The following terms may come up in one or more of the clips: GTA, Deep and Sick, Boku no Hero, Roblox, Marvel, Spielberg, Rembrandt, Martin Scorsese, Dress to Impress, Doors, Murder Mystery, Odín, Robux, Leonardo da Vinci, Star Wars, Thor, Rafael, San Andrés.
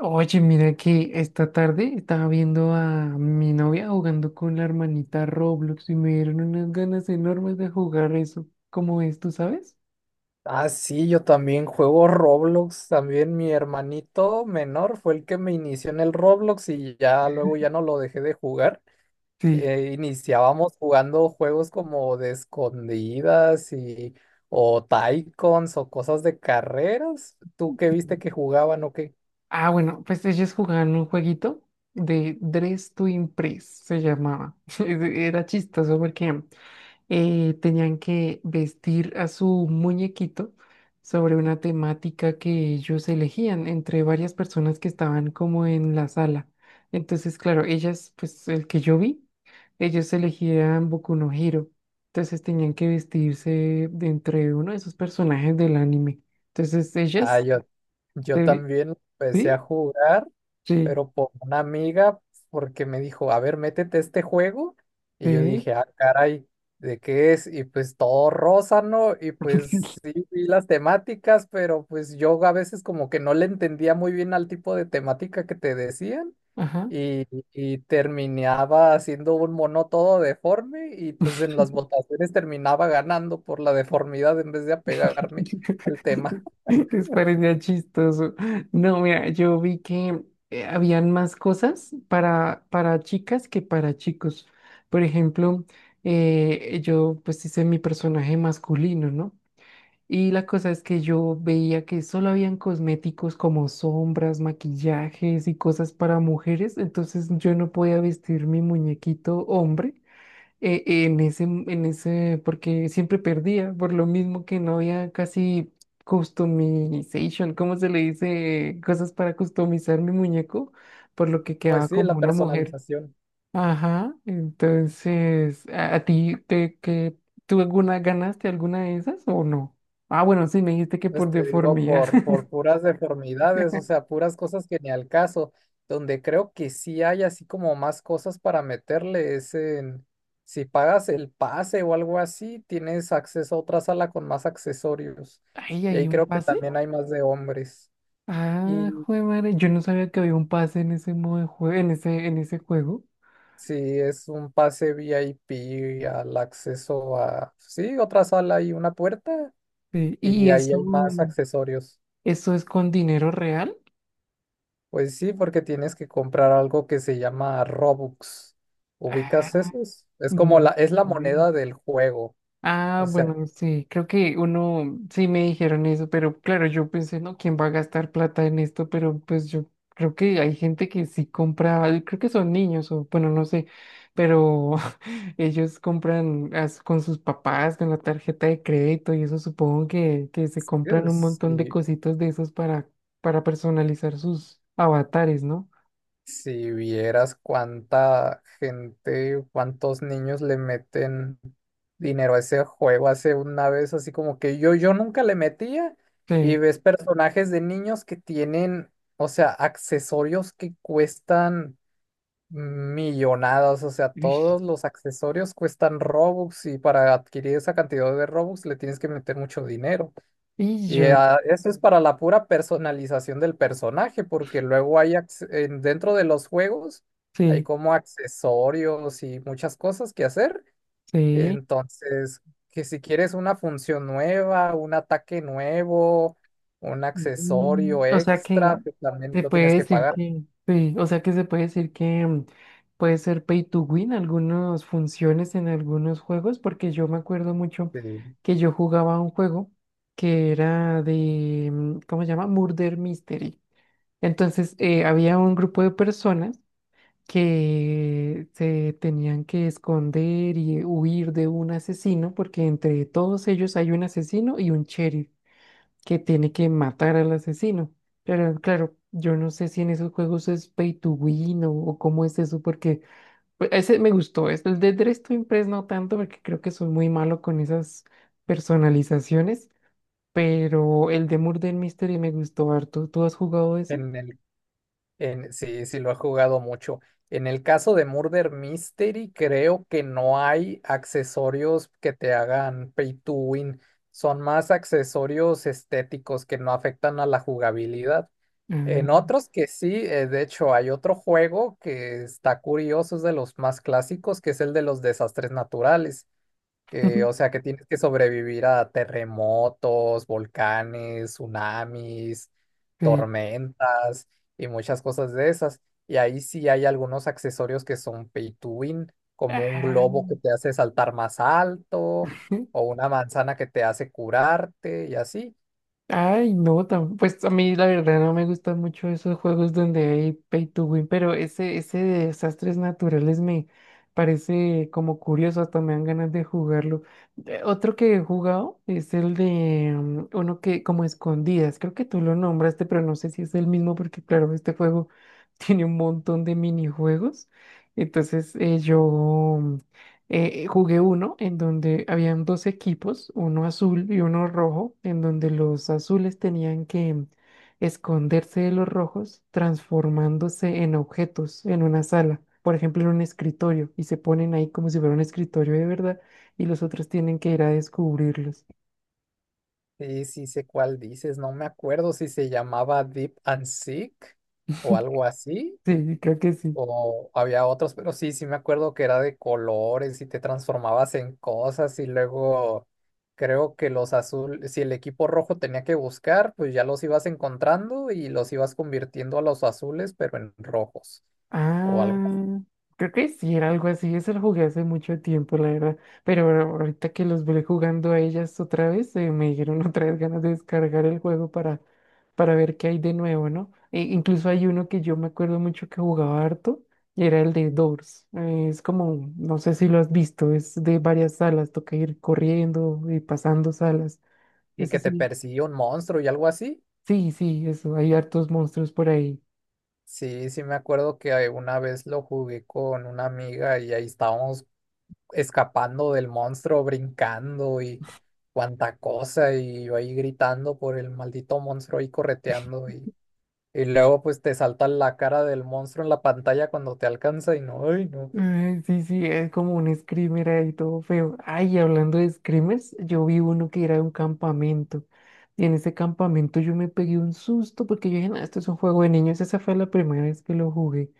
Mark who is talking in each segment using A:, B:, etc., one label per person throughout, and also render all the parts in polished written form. A: Oye, mira que esta tarde estaba viendo a mi novia jugando con la hermanita Roblox y me dieron unas ganas enormes de jugar eso. ¿Cómo es, tú sabes?
B: Ah, sí, yo también juego Roblox, también mi hermanito menor fue el que me inició en el Roblox y ya luego ya no lo dejé de jugar.
A: Sí.
B: Iniciábamos jugando juegos como de escondidas y o Tycoons o cosas de carreras. ¿Tú qué viste que jugaban o qué?
A: Ah, bueno, pues ellos jugaban un jueguito de Dress to Impress, se llamaba. Era chistoso porque tenían que vestir a su muñequito sobre una temática que ellos elegían entre varias personas que estaban como en la sala. Entonces, claro, ellas, pues el que yo vi, ellos elegían Boku no Hero. Entonces tenían que vestirse de entre uno de esos personajes del anime. Entonces
B: Ah,
A: ellas,
B: yo
A: sí,
B: también empecé a
A: sí,
B: jugar,
A: sí.
B: pero por una amiga, porque me dijo, a ver, métete a este juego. Y yo
A: Sí.
B: dije, ah, caray, ¿de qué es? Y pues todo rosa, ¿no? Y pues sí, vi las temáticas, pero pues yo a veces como que no le entendía muy bien al tipo de temática que te decían.
A: Ajá.
B: Y, y terminaba haciendo un mono todo deforme y pues en las votaciones terminaba ganando por la deformidad en vez de apegarme al tema.
A: Les parecía chistoso. No, mira, yo vi que habían más cosas para chicas que para chicos. Por ejemplo, yo pues hice mi personaje masculino, ¿no? Y la cosa es que yo veía que solo habían cosméticos como sombras, maquillajes y cosas para mujeres, entonces yo no podía vestir mi muñequito hombre en ese, porque siempre perdía, por lo mismo que no había casi customization, ¿cómo se le dice? Cosas para customizar mi muñeco, por lo que
B: Pues
A: quedaba
B: sí,
A: como
B: la
A: una mujer.
B: personalización.
A: Ajá, entonces, ¿ a ti te, que, tú alguna ganaste alguna de esas o no? Ah, bueno, sí, me dijiste que por
B: Pues te digo,
A: deformidad.
B: por puras deformidades, o sea, puras cosas que ni al caso, donde creo que sí hay así como más cosas para meterle es en, si pagas el pase o algo así, tienes acceso a otra sala con más accesorios.
A: Ahí
B: Y
A: hay
B: ahí
A: un
B: creo que
A: pase.
B: también hay más de hombres.
A: Ah,
B: Y
A: jue madre, yo no sabía que había un pase en ese modo de juego, en ese juego.
B: si es un pase VIP al acceso a, sí, otra sala y una puerta,
A: Sí,
B: y
A: y
B: ahí
A: eso.
B: hay más accesorios.
A: ¿Eso es con dinero real?
B: Pues sí, porque tienes que comprar algo que se llama Robux.
A: Ah,
B: ¿Ubicas esos? Es como la,
A: no.
B: es la
A: Ve.
B: moneda del juego.
A: Ah,
B: O sea,
A: bueno, sí, creo que uno, sí me dijeron eso, pero claro, yo pensé, no, ¿quién va a gastar plata en esto? Pero pues yo creo que hay gente que sí compra, y creo que son niños o bueno, no sé, pero ellos compran con sus papás, con la tarjeta de crédito y eso supongo que se compran un
B: es-
A: montón de
B: si,
A: cositas de esos para personalizar sus avatares, ¿no?
B: si vieras cuánta gente, cuántos niños le meten dinero a ese juego hace una vez, así como que yo nunca le metía y
A: Sí.
B: ves personajes de niños que tienen, o sea, accesorios que cuestan. Millonadas, o sea,
A: Uy.
B: todos los accesorios cuestan Robux y para adquirir esa cantidad de Robux le tienes que meter mucho dinero.
A: Y
B: Y
A: yo,
B: ah, eso es para la pura personalización del personaje, porque luego hay dentro de los juegos hay
A: sí.
B: como accesorios y muchas cosas que hacer.
A: Sí.
B: Entonces, que si quieres una función nueva, un ataque nuevo, un
A: Mm,
B: accesorio
A: o sea que
B: extra, pues también
A: se
B: lo
A: puede
B: tienes que
A: decir
B: pagar.
A: que, sí, o sea que se puede decir que puede ser pay to win algunas funciones en algunos juegos, porque yo me acuerdo mucho
B: Sí.
A: que yo jugaba un juego que era de, ¿cómo se llama? Murder Mystery. Entonces había un grupo de personas que se tenían que esconder y huir de un asesino, porque entre todos ellos hay un asesino y un sheriff, que tiene que matar al asesino. Pero claro, yo no sé si en esos juegos es pay to win o cómo es eso, porque pues, ese me gustó. El de Dress to Impress no tanto, porque creo que soy muy malo con esas personalizaciones, pero el de Murder Mystery me gustó harto. ¿Tú has jugado ese?
B: En el sí, sí lo he jugado mucho. En el caso de Murder Mystery, creo que no hay accesorios que te hagan pay to win. Son más accesorios estéticos que no afectan a la jugabilidad. En
A: Ah,
B: otros que sí, de hecho, hay otro juego que está curioso, es de los más clásicos, que es el de los desastres naturales. Que, o sea, que tienes que sobrevivir a terremotos, volcanes, tsunamis,
A: sí.
B: tormentas y muchas cosas de esas. Y ahí sí hay algunos accesorios que son pay to win, como un
A: Ah.
B: globo que te hace saltar más alto, o una manzana que te hace curarte y así.
A: Ay, no, pues a mí la verdad no me gustan mucho esos juegos donde hay pay to win, pero ese de desastres naturales me parece como curioso, hasta me dan ganas de jugarlo. Otro que he jugado es el de uno que como escondidas, creo que tú lo nombraste, pero no sé si es el mismo porque claro, este juego tiene un montón de minijuegos. Entonces yo jugué uno en donde habían dos equipos, uno azul y uno rojo, en donde los azules tenían que esconderse de los rojos transformándose en objetos en una sala, por ejemplo en un escritorio, y se ponen ahí como si fuera un escritorio de verdad y los otros tienen que ir a descubrirlos.
B: Sí, sí sé cuál dices, no me acuerdo si se llamaba Deep and Sick o algo así.
A: Sí, creo que sí.
B: O había otros, pero sí, sí me acuerdo que era de colores y te transformabas en cosas y luego creo que los azules, si el equipo rojo tenía que buscar, pues ya los ibas encontrando y los ibas convirtiendo a los azules, pero en rojos o algo así.
A: Ah, creo que sí, era algo así. Eso lo jugué hace mucho tiempo, la verdad. Pero ahorita que los volví jugando a ellas otra vez, me dieron otra vez ganas de descargar el juego para ver qué hay de nuevo, ¿no? Incluso hay uno que yo me acuerdo mucho que jugaba harto y era el de Doors. Es como, no sé si lo has visto, es de varias salas, toca ir corriendo y pasando salas.
B: Y
A: Ese
B: que te
A: sí.
B: persigue un monstruo y algo así.
A: Sí, sí, eso, hay hartos monstruos por ahí.
B: Sí, sí me acuerdo que una vez lo jugué con una amiga y ahí estábamos escapando del monstruo, brincando y cuánta cosa, y yo ahí gritando por el maldito monstruo ahí correteando y luego pues te salta la cara del monstruo en la pantalla cuando te alcanza y no, ay no.
A: Ay, sí, sí, es como un screamer ahí todo feo. Ay, y hablando de screamers, yo vi uno que era de un campamento. Y en ese campamento yo me pegué un susto porque yo dije, "Nah, esto es un juego de niños". Esa fue la primera vez que lo jugué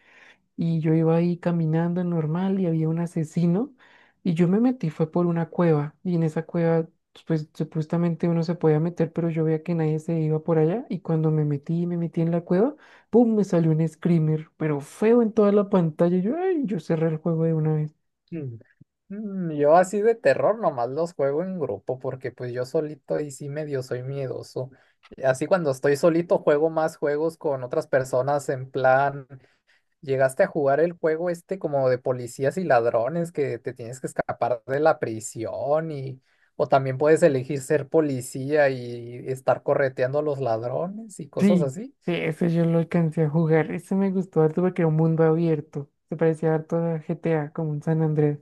A: y yo iba ahí caminando normal y había un asesino y yo me metí, fue por una cueva y en esa cueva pues supuestamente uno se podía meter, pero yo veía que nadie se iba por allá y cuando me metí en la cueva, ¡pum! Me salió un screamer, pero feo en toda la pantalla, yo, ay, yo cerré el juego de una vez.
B: Mm. Mm, yo así de terror nomás los juego en grupo porque pues yo solito ahí sí medio soy miedoso. Y así cuando estoy solito juego más juegos con otras personas en plan ¿llegaste a jugar el juego este como de policías y ladrones que te tienes que escapar de la prisión y o también puedes elegir ser policía y estar correteando a los ladrones y cosas
A: Sí,
B: así?
A: ese yo lo alcancé a jugar, ese me gustó harto porque era un mundo abierto, se parecía harto a GTA como un San Andrés.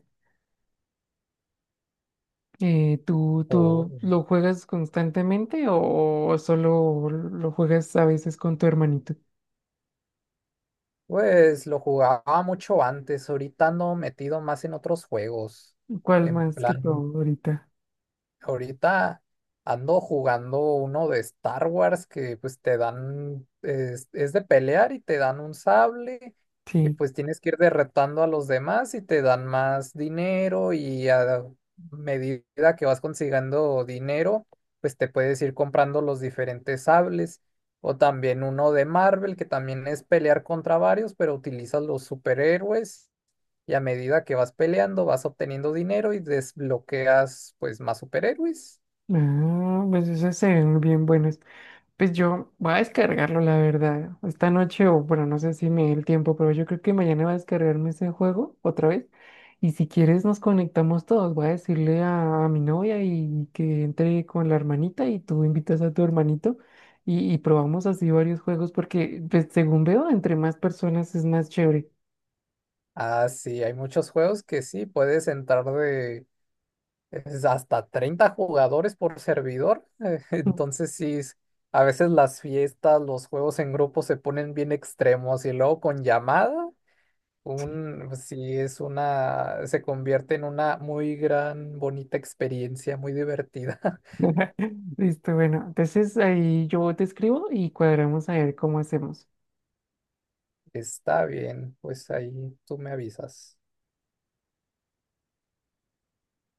A: Tú
B: Oh.
A: lo juegas constantemente o solo lo juegas a veces con tu hermanito?
B: Pues lo jugaba mucho antes, ahorita ando metido más en otros juegos,
A: ¿Cuál
B: en
A: más que todo
B: plan
A: ahorita?
B: Ahorita ando jugando uno de Star Wars que pues te dan, es de pelear y te dan un sable y
A: Sí.
B: pues tienes que ir derretando a los demás y te dan más dinero y a medida que vas consiguiendo dinero, pues te puedes ir comprando los diferentes sables. O también uno de Marvel que también es pelear contra varios, pero utilizas los superhéroes y a medida que vas peleando, vas obteniendo dinero y desbloqueas pues más superhéroes.
A: Ah, pues esas se ven bien buenas. Pues yo voy a descargarlo, la verdad. Esta noche, o bueno, no sé si me dé el tiempo, pero yo creo que mañana voy a descargarme ese juego otra vez. Y si quieres, nos conectamos todos. Voy a decirle a mi novia y que entre con la hermanita y tú invitas a tu hermanito y probamos así varios juegos porque, pues, según veo, entre más personas es más chévere.
B: Ah, sí, hay muchos juegos que sí, puedes entrar de es hasta 30 jugadores por servidor. Entonces sí, a veces las fiestas, los juegos en grupo se ponen bien extremos y luego con llamada, un, sí es una, se convierte en una muy gran, bonita experiencia, muy divertida.
A: Listo, bueno. Entonces ahí yo te escribo y cuadramos a ver cómo hacemos.
B: Está bien, pues ahí tú me avisas.